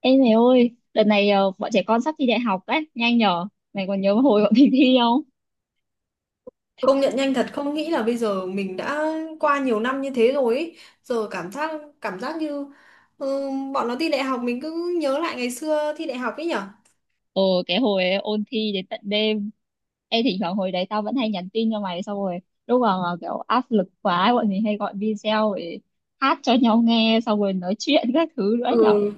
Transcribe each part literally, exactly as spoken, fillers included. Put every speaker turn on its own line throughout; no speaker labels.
Ê mày ơi, đợt này ờ, bọn trẻ con sắp thi đại học đấy, nhanh nhở. Mày còn nhớ hồi bọn mình thi không?
Công nhận nhanh thật, không nghĩ là bây giờ mình đã qua nhiều năm như thế rồi ý. Giờ cảm giác cảm giác như ừ, bọn nó thi đại học, mình cứ nhớ lại ngày xưa thi đại học ấy nhở.
Ờ, cái hồi ấy, ôn thi đến tận đêm. Ê, thỉnh thoảng hồi đấy tao vẫn hay nhắn tin cho mày xong rồi. Lúc mà mà kiểu áp lực quá, bọn mình hay gọi video để hát cho nhau nghe xong rồi nói chuyện các thứ nữa nhở.
Ừ.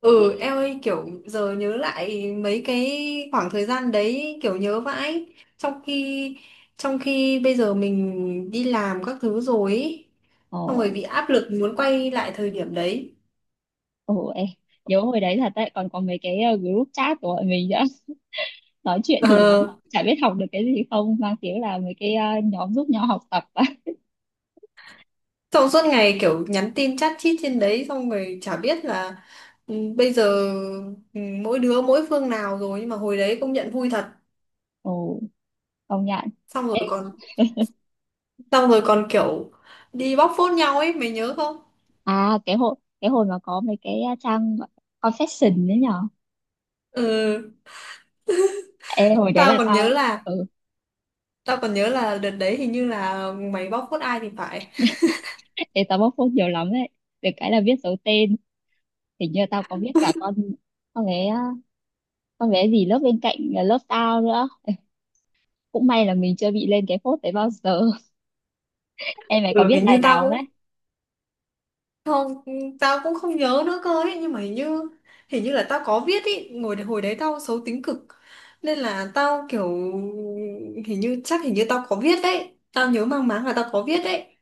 Ừ, em ơi, kiểu giờ nhớ lại mấy cái khoảng thời gian đấy kiểu nhớ vãi, trong khi trong khi bây giờ mình đi làm các thứ rồi ý.
Ờ,
Xong rồi bị áp lực muốn quay lại thời điểm đấy.
ờ, ê, nhớ hồi đấy thật đấy, còn có mấy cái ờ, group chat của bọn mình nữa. Nói chuyện thì lắm,
ờ
chả biết học được cái gì không, mang tiếng là mấy cái ờ, nhóm giúp nhau học tập á.
Xong suốt ngày kiểu nhắn tin chat chít trên đấy xong rồi chả biết là ừ, bây giờ ừ, mỗi đứa mỗi phương nào rồi, nhưng mà hồi đấy công nhận vui thật.
Ồ, công nhận.
Xong rồi còn xong rồi còn kiểu đi bóc phốt nhau ấy, mày nhớ không?
À, cái hồi cái hồi mà có mấy cái à, trang gọi- confession đấy nhở.
Ừ,
Ê hồi đấy
tao
là
còn nhớ
tao,
là
ừ.
tao còn nhớ là đợt đấy hình như là mày bóc phốt ai thì phải.
Ê, tao bóc phốt nhiều lắm đấy, được cái là viết dấu tên. Hình như tao có viết cả con con bé à, con bé gì lớp bên cạnh, à, lớp tao nữa. Cũng may là mình chưa bị lên cái phốt đấy bao giờ. Em mày có
Ừ,
viết
hình
bài
như tao
nào không đấy?
cũng Không, tao cũng không nhớ nữa cơ ấy, nhưng mà hình như hình như là tao có viết ý, ngồi hồi đấy tao xấu tính cực. Nên là tao kiểu hình như chắc hình như tao có viết đấy. Tao nhớ mang máng là tao có viết đấy.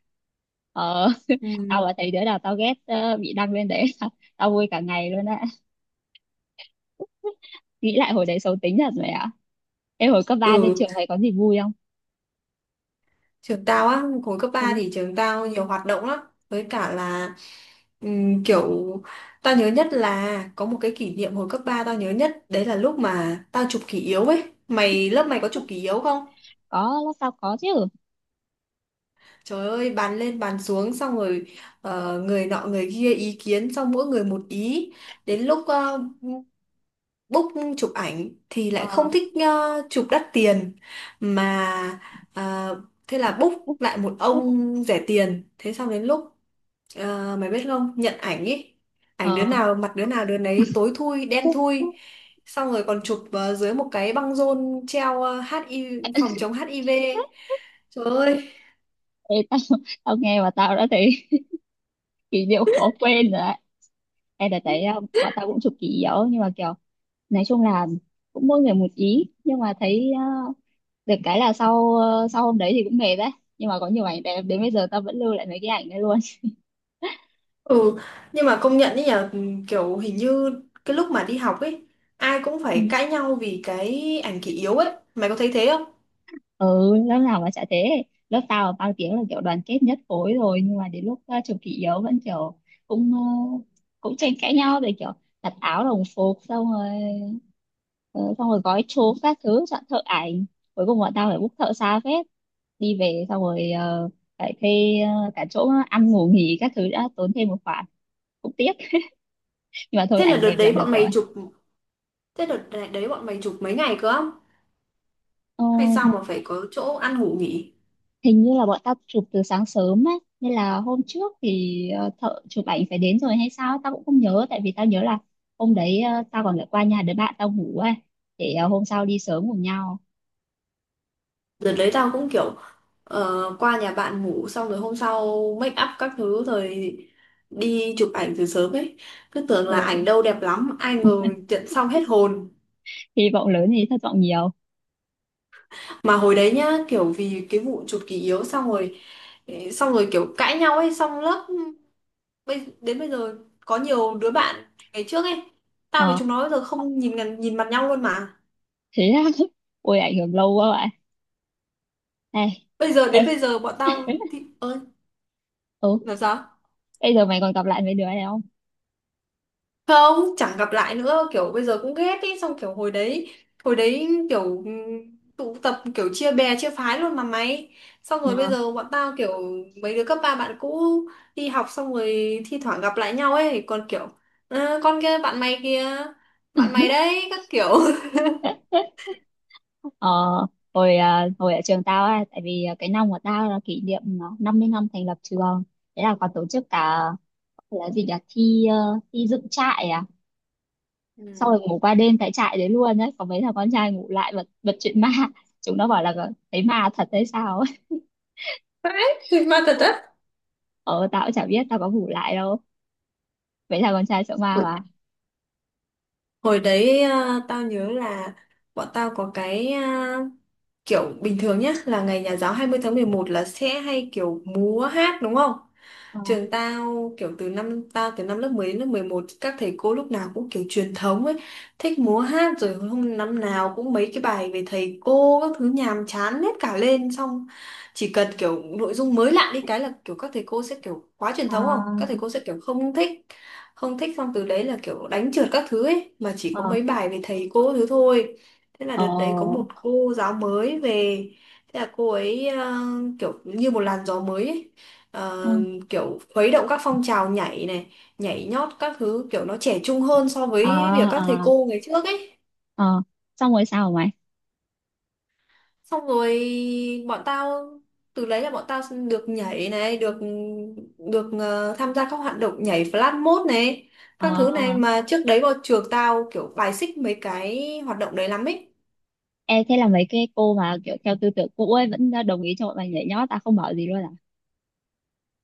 Ờ.
Ừ.
Tao mà thấy đứa nào tao ghét ờ, bị đăng lên đấy, tao vui cả ngày luôn á. Nghĩ lại hồi đấy xấu tính thật rồi ạ. Em hồi cấp ba lên
Ừ.
trường mày có gì vui không?
Trường tao á, hồi cấp ba
Ừ,
thì trường tao nhiều hoạt động lắm. Với cả là ừm, kiểu tao nhớ nhất là có một cái kỷ niệm hồi cấp ba tao nhớ nhất, đấy là lúc mà tao chụp kỷ yếu ấy. Mày lớp mày có chụp kỷ yếu không?
có, lớp tao có chứ.
Trời ơi, bàn lên bàn xuống xong rồi, ờ, người nọ người kia ý kiến, xong mỗi người một ý. Đến lúc ờ, book chụp ảnh thì lại
Ờ,
không thích ờ, chụp đắt tiền mà, ờ, thế là book lại một ông rẻ tiền. Thế xong đến lúc, ờ, mày biết không, nhận ảnh ý, ảnh
ờ.
đứa nào mặt đứa nào đứa nấy tối thui, đen thui. Xong rồi còn chụp ờ, dưới một cái băng rôn treo ờ, ếch ai vi, phòng chống ếch ai vi. Trời ơi.
Ê, tao tao nghe mà tao đã thấy kỷ niệm khó quên rồi đấy. Em đã thấy um, bọn tao cũng chụp kỷ yếu nhưng mà kiểu, nói chung là cũng mỗi người một ý nhưng mà thấy uh, được cái là sau uh, sau hôm đấy thì cũng mệt đấy, nhưng mà có nhiều ảnh đẹp đến bây giờ tao vẫn lưu lại mấy cái ảnh đấy luôn.
Ừ, nhưng mà công nhận ấy nhờ, ừ, kiểu hình như cái lúc mà đi học ấy ai cũng phải cãi nhau vì cái ảnh kỷ yếu ấy. Mày có thấy thế không?
Ừ, lớp nào mà chả thế. Lớp tao bao tiếng là kiểu đoàn kết nhất khối rồi nhưng mà đến lúc ờ, chụp kỷ yếu vẫn kiểu cũng ờ, cũng tranh cãi nhau rồi kiểu đặt áo đồng phục xong rồi, ờ, xong rồi gói chốt các thứ chọn thợ ảnh. Cuối cùng bọn tao phải book thợ xa phết, đi về xong rồi ờ, phải thuê ờ, cả chỗ ăn ngủ nghỉ các thứ, đã tốn thêm một khoản, cũng tiếc. Nhưng mà thôi,
Thế là
ảnh
đợt
đẹp là
đấy
được
bọn mày
rồi.
chụp thế đợt đấy đấy bọn mày chụp mấy ngày cơ không?
Ờ,
Hay sao mà phải có chỗ ăn ngủ nghỉ?
hình như là bọn tao chụp từ sáng sớm á, nên là hôm trước thì ờ, thợ chụp ảnh phải đến rồi hay sao tao cũng không nhớ, tại vì tao nhớ là hôm đấy ờ, tao còn phải qua nhà đứa bạn tao ngủ ấy, để ờ, hôm sau đi sớm cùng nhau.
Đợt đấy tao cũng kiểu ờ, qua nhà bạn ngủ, xong rồi hôm sau make up các thứ, rồi đi chụp ảnh từ sớm ấy. Cứ tưởng là
Ừ.
ảnh đâu đẹp lắm, ai ngờ nhận xong hết hồn.
Hy vọng lớn thì thất vọng nhiều.
Mà hồi đấy nhá, kiểu vì cái vụ chuột kỷ yếu xong rồi, xong rồi kiểu cãi nhau ấy, xong lớp bây đến bây giờ có nhiều đứa bạn ngày trước ấy, tao với
Ờ,
chúng nó bây giờ không nhìn ngần- nhìn mặt nhau luôn mà.
thế á? Ôi, ảnh hưởng lâu quá bạn. Ê,
Bây giờ
ê,
đến bây giờ bọn tao thì ơi
ừ,
làm sao,
bây giờ mày còn gặp lại mấy đứa này không?
không chẳng gặp lại nữa, kiểu bây giờ cũng ghét ý, xong kiểu hồi đấy hồi đấy kiểu ừm, tụ tập kiểu chia bè chia phái luôn mà mày. Xong rồi bây
Nào.
giờ bọn tao kiểu mấy đứa cấp ba bạn cũ đi học xong rồi thi thoảng gặp lại nhau ấy còn kiểu "Ơ, con kia bạn mày kia, bạn mày đấy" các kiểu.
Ờ, hồi à, hồi ở trường tao á, tại vì à, cái năm của tao là kỷ niệm, à, năm mươi năm thành lập trường, thế là còn tổ chức cả là gì nhỉ, thi ờ, thi dựng trại, à, xong
Ừ.
rồi ngủ qua đêm tại trại đấy luôn đấy. Có mấy thằng con trai ngủ lại bật bật chuyện ma, chúng nó bảo là "Ờ, thấy ma thật đấy sao", ấy.
Đấy thì ma thật á.
Ờ, tao cũng chả biết, tao có ngủ lại đâu, mấy thằng con trai sợ ma
hồi
mà.
hồi đấy, à, tao nhớ là bọn tao có cái, à, kiểu bình thường nhá, là ngày nhà giáo hai mươi tháng mười một là sẽ hay kiểu múa hát, đúng không?
Ờ,
Trường tao kiểu từ năm tao từ năm lớp mười đến lớp mười một, các thầy cô lúc nào cũng kiểu truyền thống ấy, thích múa hát, rồi hôm năm nào cũng mấy cái bài về thầy cô các thứ nhàm chán hết cả lên. Xong chỉ cần kiểu nội dung mới lạ đi cái là kiểu các thầy cô sẽ kiểu quá truyền thống, không các thầy
ờ,
cô sẽ kiểu không thích không thích, xong từ đấy là kiểu đánh trượt các thứ ấy, mà chỉ có mấy
ờ,
bài về thầy cô thứ thôi. Thế là
ờ,
đợt đấy có một cô giáo mới về, thế là cô ấy ờ, kiểu như một làn gió mới ấy.
ờ,
Ờ, kiểu khuấy động các phong trào nhảy này, nhảy nhót các thứ, kiểu nó trẻ trung hơn so
ờ,
với việc các
ờ,
thầy cô ngày trước ấy.
ờ. Xong rồi sao mày?
Xong rồi bọn tao, từ đấy là bọn tao được nhảy này, được được ờ, tham gia các hoạt động nhảy flash mob này
Ờ.
các thứ, này mà trước đấy vào trường tao kiểu bài xích mấy cái hoạt động đấy lắm ấy.
E thế là mấy cái cô mà kiểu theo tư tưởng cũ ấy vẫn đồng ý cho bọn mày nhảy nhót, tao không bảo gì luôn à?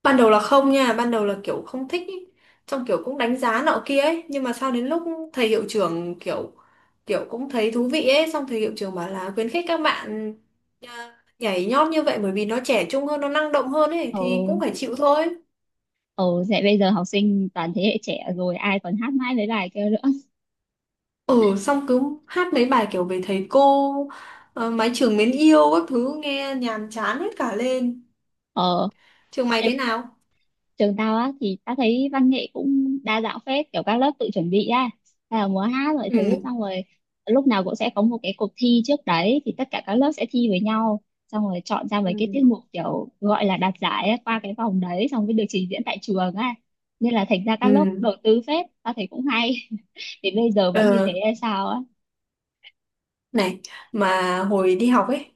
Ban đầu là không nha, ban đầu là kiểu không thích ý. Xong kiểu cũng đánh giá nọ kia ấy, nhưng mà sau đến lúc thầy hiệu trưởng kiểu kiểu cũng thấy thú vị ấy, xong thầy hiệu trưởng bảo là khuyến khích các bạn à, nhảy nhót như vậy, bởi vì nó trẻ trung hơn, nó năng động hơn ấy, thì cũng
Ừ,
phải chịu thôi.
ừ. Thế bây giờ học sinh toàn thế hệ trẻ rồi, ai còn hát mãi mấy bài kia nữa.
Ừ, xong cứ hát mấy bài kiểu về thầy cô, ờ, mái trường mến yêu các thứ nghe nhàm chán hết cả lên.
Ờ,
Trường mày
em
thế nào?
trường tao á thì tao thấy văn nghệ cũng đa dạng phết, kiểu các lớp tự chuẩn bị á, hay là múa hát mọi thứ
Ừ.
xong rồi lúc nào cũng sẽ có một cái cuộc thi trước đấy thì tất cả các lớp sẽ thi với nhau, xong rồi chọn ra mấy
Ừ.
cái tiết mục kiểu gọi là đạt giải á, qua cái vòng đấy xong mới được trình diễn tại trường á. Nên là thành ra các lớp cũng đầu
Ừ.
tư phết, tao thấy cũng hay. Thì bây giờ vẫn như
Ờ.
thế hay sao á?
Này, mà hồi đi học ấy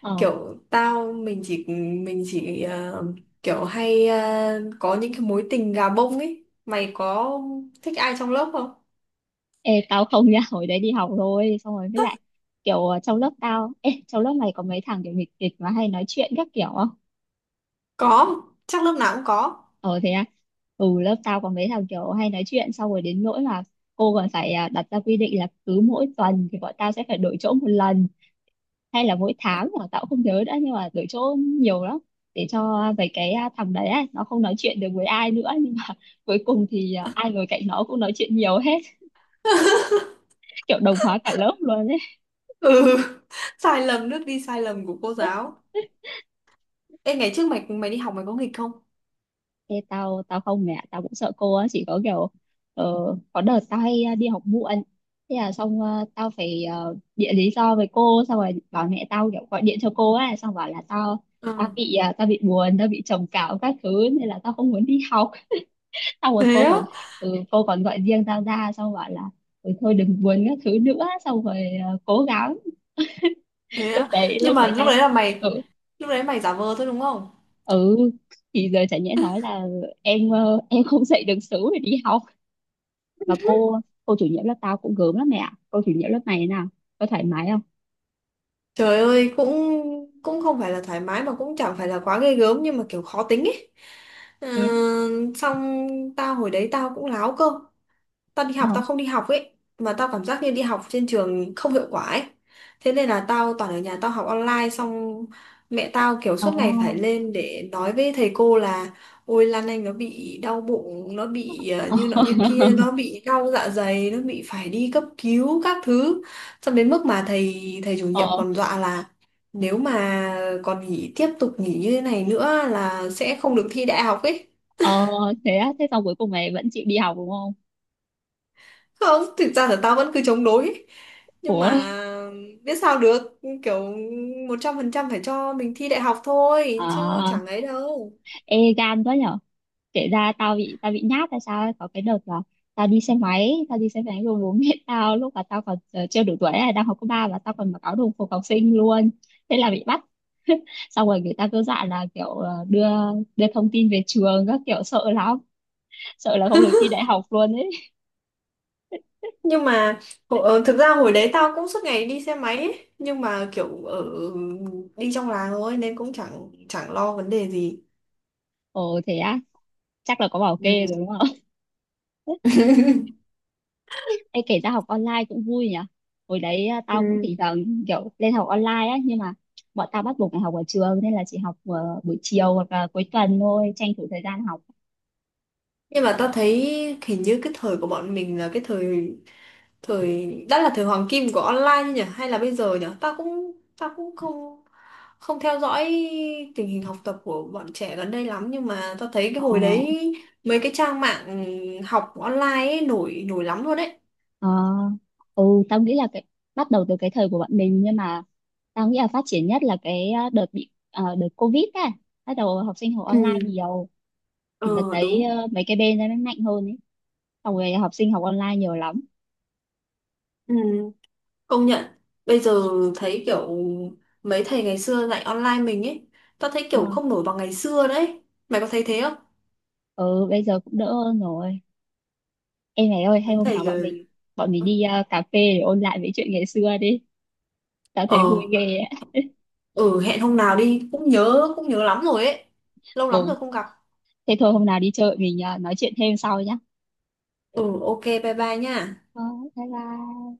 Ờ.
kiểu tao, mình chỉ mình chỉ ờ, kiểu hay ờ, có những cái mối tình gà bông ấy, mày có thích ai trong lớp không?
Ê, tao không nha, hồi đấy đi học rồi xong rồi với lại kiểu ờ, trong lớp tao, ê, trong lớp này có mấy thằng kiểu nghịch kịch mà hay nói chuyện các kiểu.
Có, chắc lớp nào cũng có.
Ờ thế à? Ừ, lớp tao có mấy thằng kiểu hay nói chuyện xong rồi đến nỗi là cô còn phải à, đặt ra quy định là cứ mỗi tuần thì bọn tao sẽ phải đổi chỗ một lần, hay là mỗi tháng mà tao cũng không nhớ đã, nhưng mà đổi chỗ nhiều lắm, để cho về cái à, thằng đấy á, nó không nói chuyện được với ai nữa, nhưng mà cuối cùng thì à, ai ngồi cạnh nó cũng nói chuyện nhiều hết. Kiểu đồng hóa cả lớp luôn ấy.
Ừ. Sai lầm, nước đi sai lầm của cô giáo. Ê, ngày trước mày mày đi học mày có nghịch không?
Ê, tao tao không, mẹ tao cũng sợ cô á, chỉ có kiểu ờ, có đợt tao hay ờ, đi học muộn, thế là xong ờ, tao phải ờ, bịa lý do với cô xong rồi bảo mẹ tao kiểu gọi điện cho cô á, xong bảo là tao, tao
Ừ.
bị ờ, tao bị buồn, tao bị trầm cảm các thứ, nên là tao không muốn đi học. Xong rồi
Thế
cô
á?
còn, ừ, cô còn gọi riêng tao ra xong bảo là ừ, thôi đừng buồn các thứ nữa, xong rồi ờ, cố gắng.
Thế
lúc
á?
đấy
Nhưng
lúc
mà
đấy
lúc
tao,
đấy là mày
ừ,
lúc đấy mày giả vờ thôi đúng không?
ừ. Thì giờ chả nhẽ nói là em ờ, em không dậy được sớm để đi học. Mà cô cô chủ nhiệm lớp tao cũng gớm lắm mẹ ạ. Cô chủ nhiệm lớp này thế nào, có thoải mái không?
Trời ơi, cũng cũng không phải là thoải mái mà cũng chẳng phải là quá ghê gớm, nhưng mà kiểu khó tính ấy. Ờ,
Thế á?
xong tao hồi đấy tao cũng láo cơ, tao đi
Ờ,
học tao không đi học ấy, mà tao cảm giác như đi học trên trường không hiệu quả ấy. Thế nên là tao toàn ở nhà tao học online, xong mẹ tao kiểu
ờ,
suốt ngày phải lên để nói với thầy cô là ôi Lan Anh nó bị đau bụng, nó bị ờ,
ờ.
như nọ như kia, nó bị đau dạ dày, nó bị phải đi cấp cứu các thứ. Xong đến mức mà thầy thầy chủ nhiệm
Ờ,
còn dọa là nếu mà còn nghỉ tiếp tục nghỉ như thế này nữa là sẽ không được thi đại học ấy.
ờ, thế á, thế xong cuối cùng mày vẫn chịu đi học đúng không?
Không, thực ra là tao vẫn cứ chống đối, nhưng
Ủa.
mà biết sao được, kiểu một trăm phần trăm phải cho mình thi đại học thôi chứ
À,
chẳng ấy đâu.
ê, gan quá nhở. Kể ra tao bị, tao bị nhát hay sao ấy. Có cái đợt là tao đi xe máy, tao đi xe máy rồi bố mẹ tao lúc mà tao còn ờ, chưa đủ tuổi là đang học cấp ba và tao còn mặc áo đồng phục học sinh luôn, thế là bị bắt. Xong rồi người ta cứ dọa là kiểu ờ, đưa, đưa thông tin về trường các kiểu, sợ lắm, sợ là không được thi đại học luôn ấy.
Nhưng mà hồ- ờ, thực ra hồi đấy tao cũng suốt ngày đi xe máy ấy. Nhưng mà kiểu ở đi trong làng thôi nên cũng chẳng chẳng lo vấn đề gì.
Ồ, thế á? Chắc là có bảo kê rồi
Ừ.
đúng không? Ê, kể ra học online cũng vui nhỉ. Hồi đấy à, tao cũng thỉnh thoảng kiểu lên học online á nhưng mà bọn tao bắt buộc phải học ở trường nên là chỉ học ờ, buổi chiều hoặc là cuối tuần thôi, tranh thủ thời gian học.
Nhưng mà tao thấy hình như cái thời của bọn mình là cái thời, thời đã là thời hoàng kim của online nhỉ, hay là bây giờ nhỉ? Tao cũng tao cũng không không theo dõi tình hình học tập của bọn trẻ gần đây lắm, nhưng mà tao thấy cái
Ờ,
hồi đấy mấy cái trang mạng học online ấy nổi nổi lắm luôn đấy.
ờ, ừ, tao nghĩ là cái bắt đầu từ cái thời của bọn mình nhưng mà tao nghĩ là phát triển nhất là cái ờ, đợt bị ờ, đợt COVID á, bắt đầu học sinh học
Ừ,
online nhiều. Thì đợt
ờ
đấy
đúng,
ờ, mấy cái bên nó mới mạnh hơn ấy, xong rồi học sinh học online nhiều lắm.
ừ, công nhận. Bây giờ thấy kiểu mấy thầy ngày xưa dạy online mình ấy, tao thấy
Ờ,
kiểu không nổi bằng ngày xưa đấy, mày có thấy thế không?
ừ, bây giờ cũng đỡ hơn rồi. Em này ơi, hay
Mấy
hôm
thầy
nào bọn
rồi.
mình bọn mình đi ờ, cà phê để ôn lại mấy chuyện ngày xưa đi, tao
Ờ.
thấy vui ghê ấy.
Ừ, hẹn hôm nào đi, cũng nhớ, cũng nhớ lắm rồi ấy. Lâu lắm
Ừ,
rồi không gặp.
thế thôi hôm nào đi chơi mình ờ, nói chuyện thêm sau nhá.
Ừ, ok, bye bye nha.
Ờ, bye bye.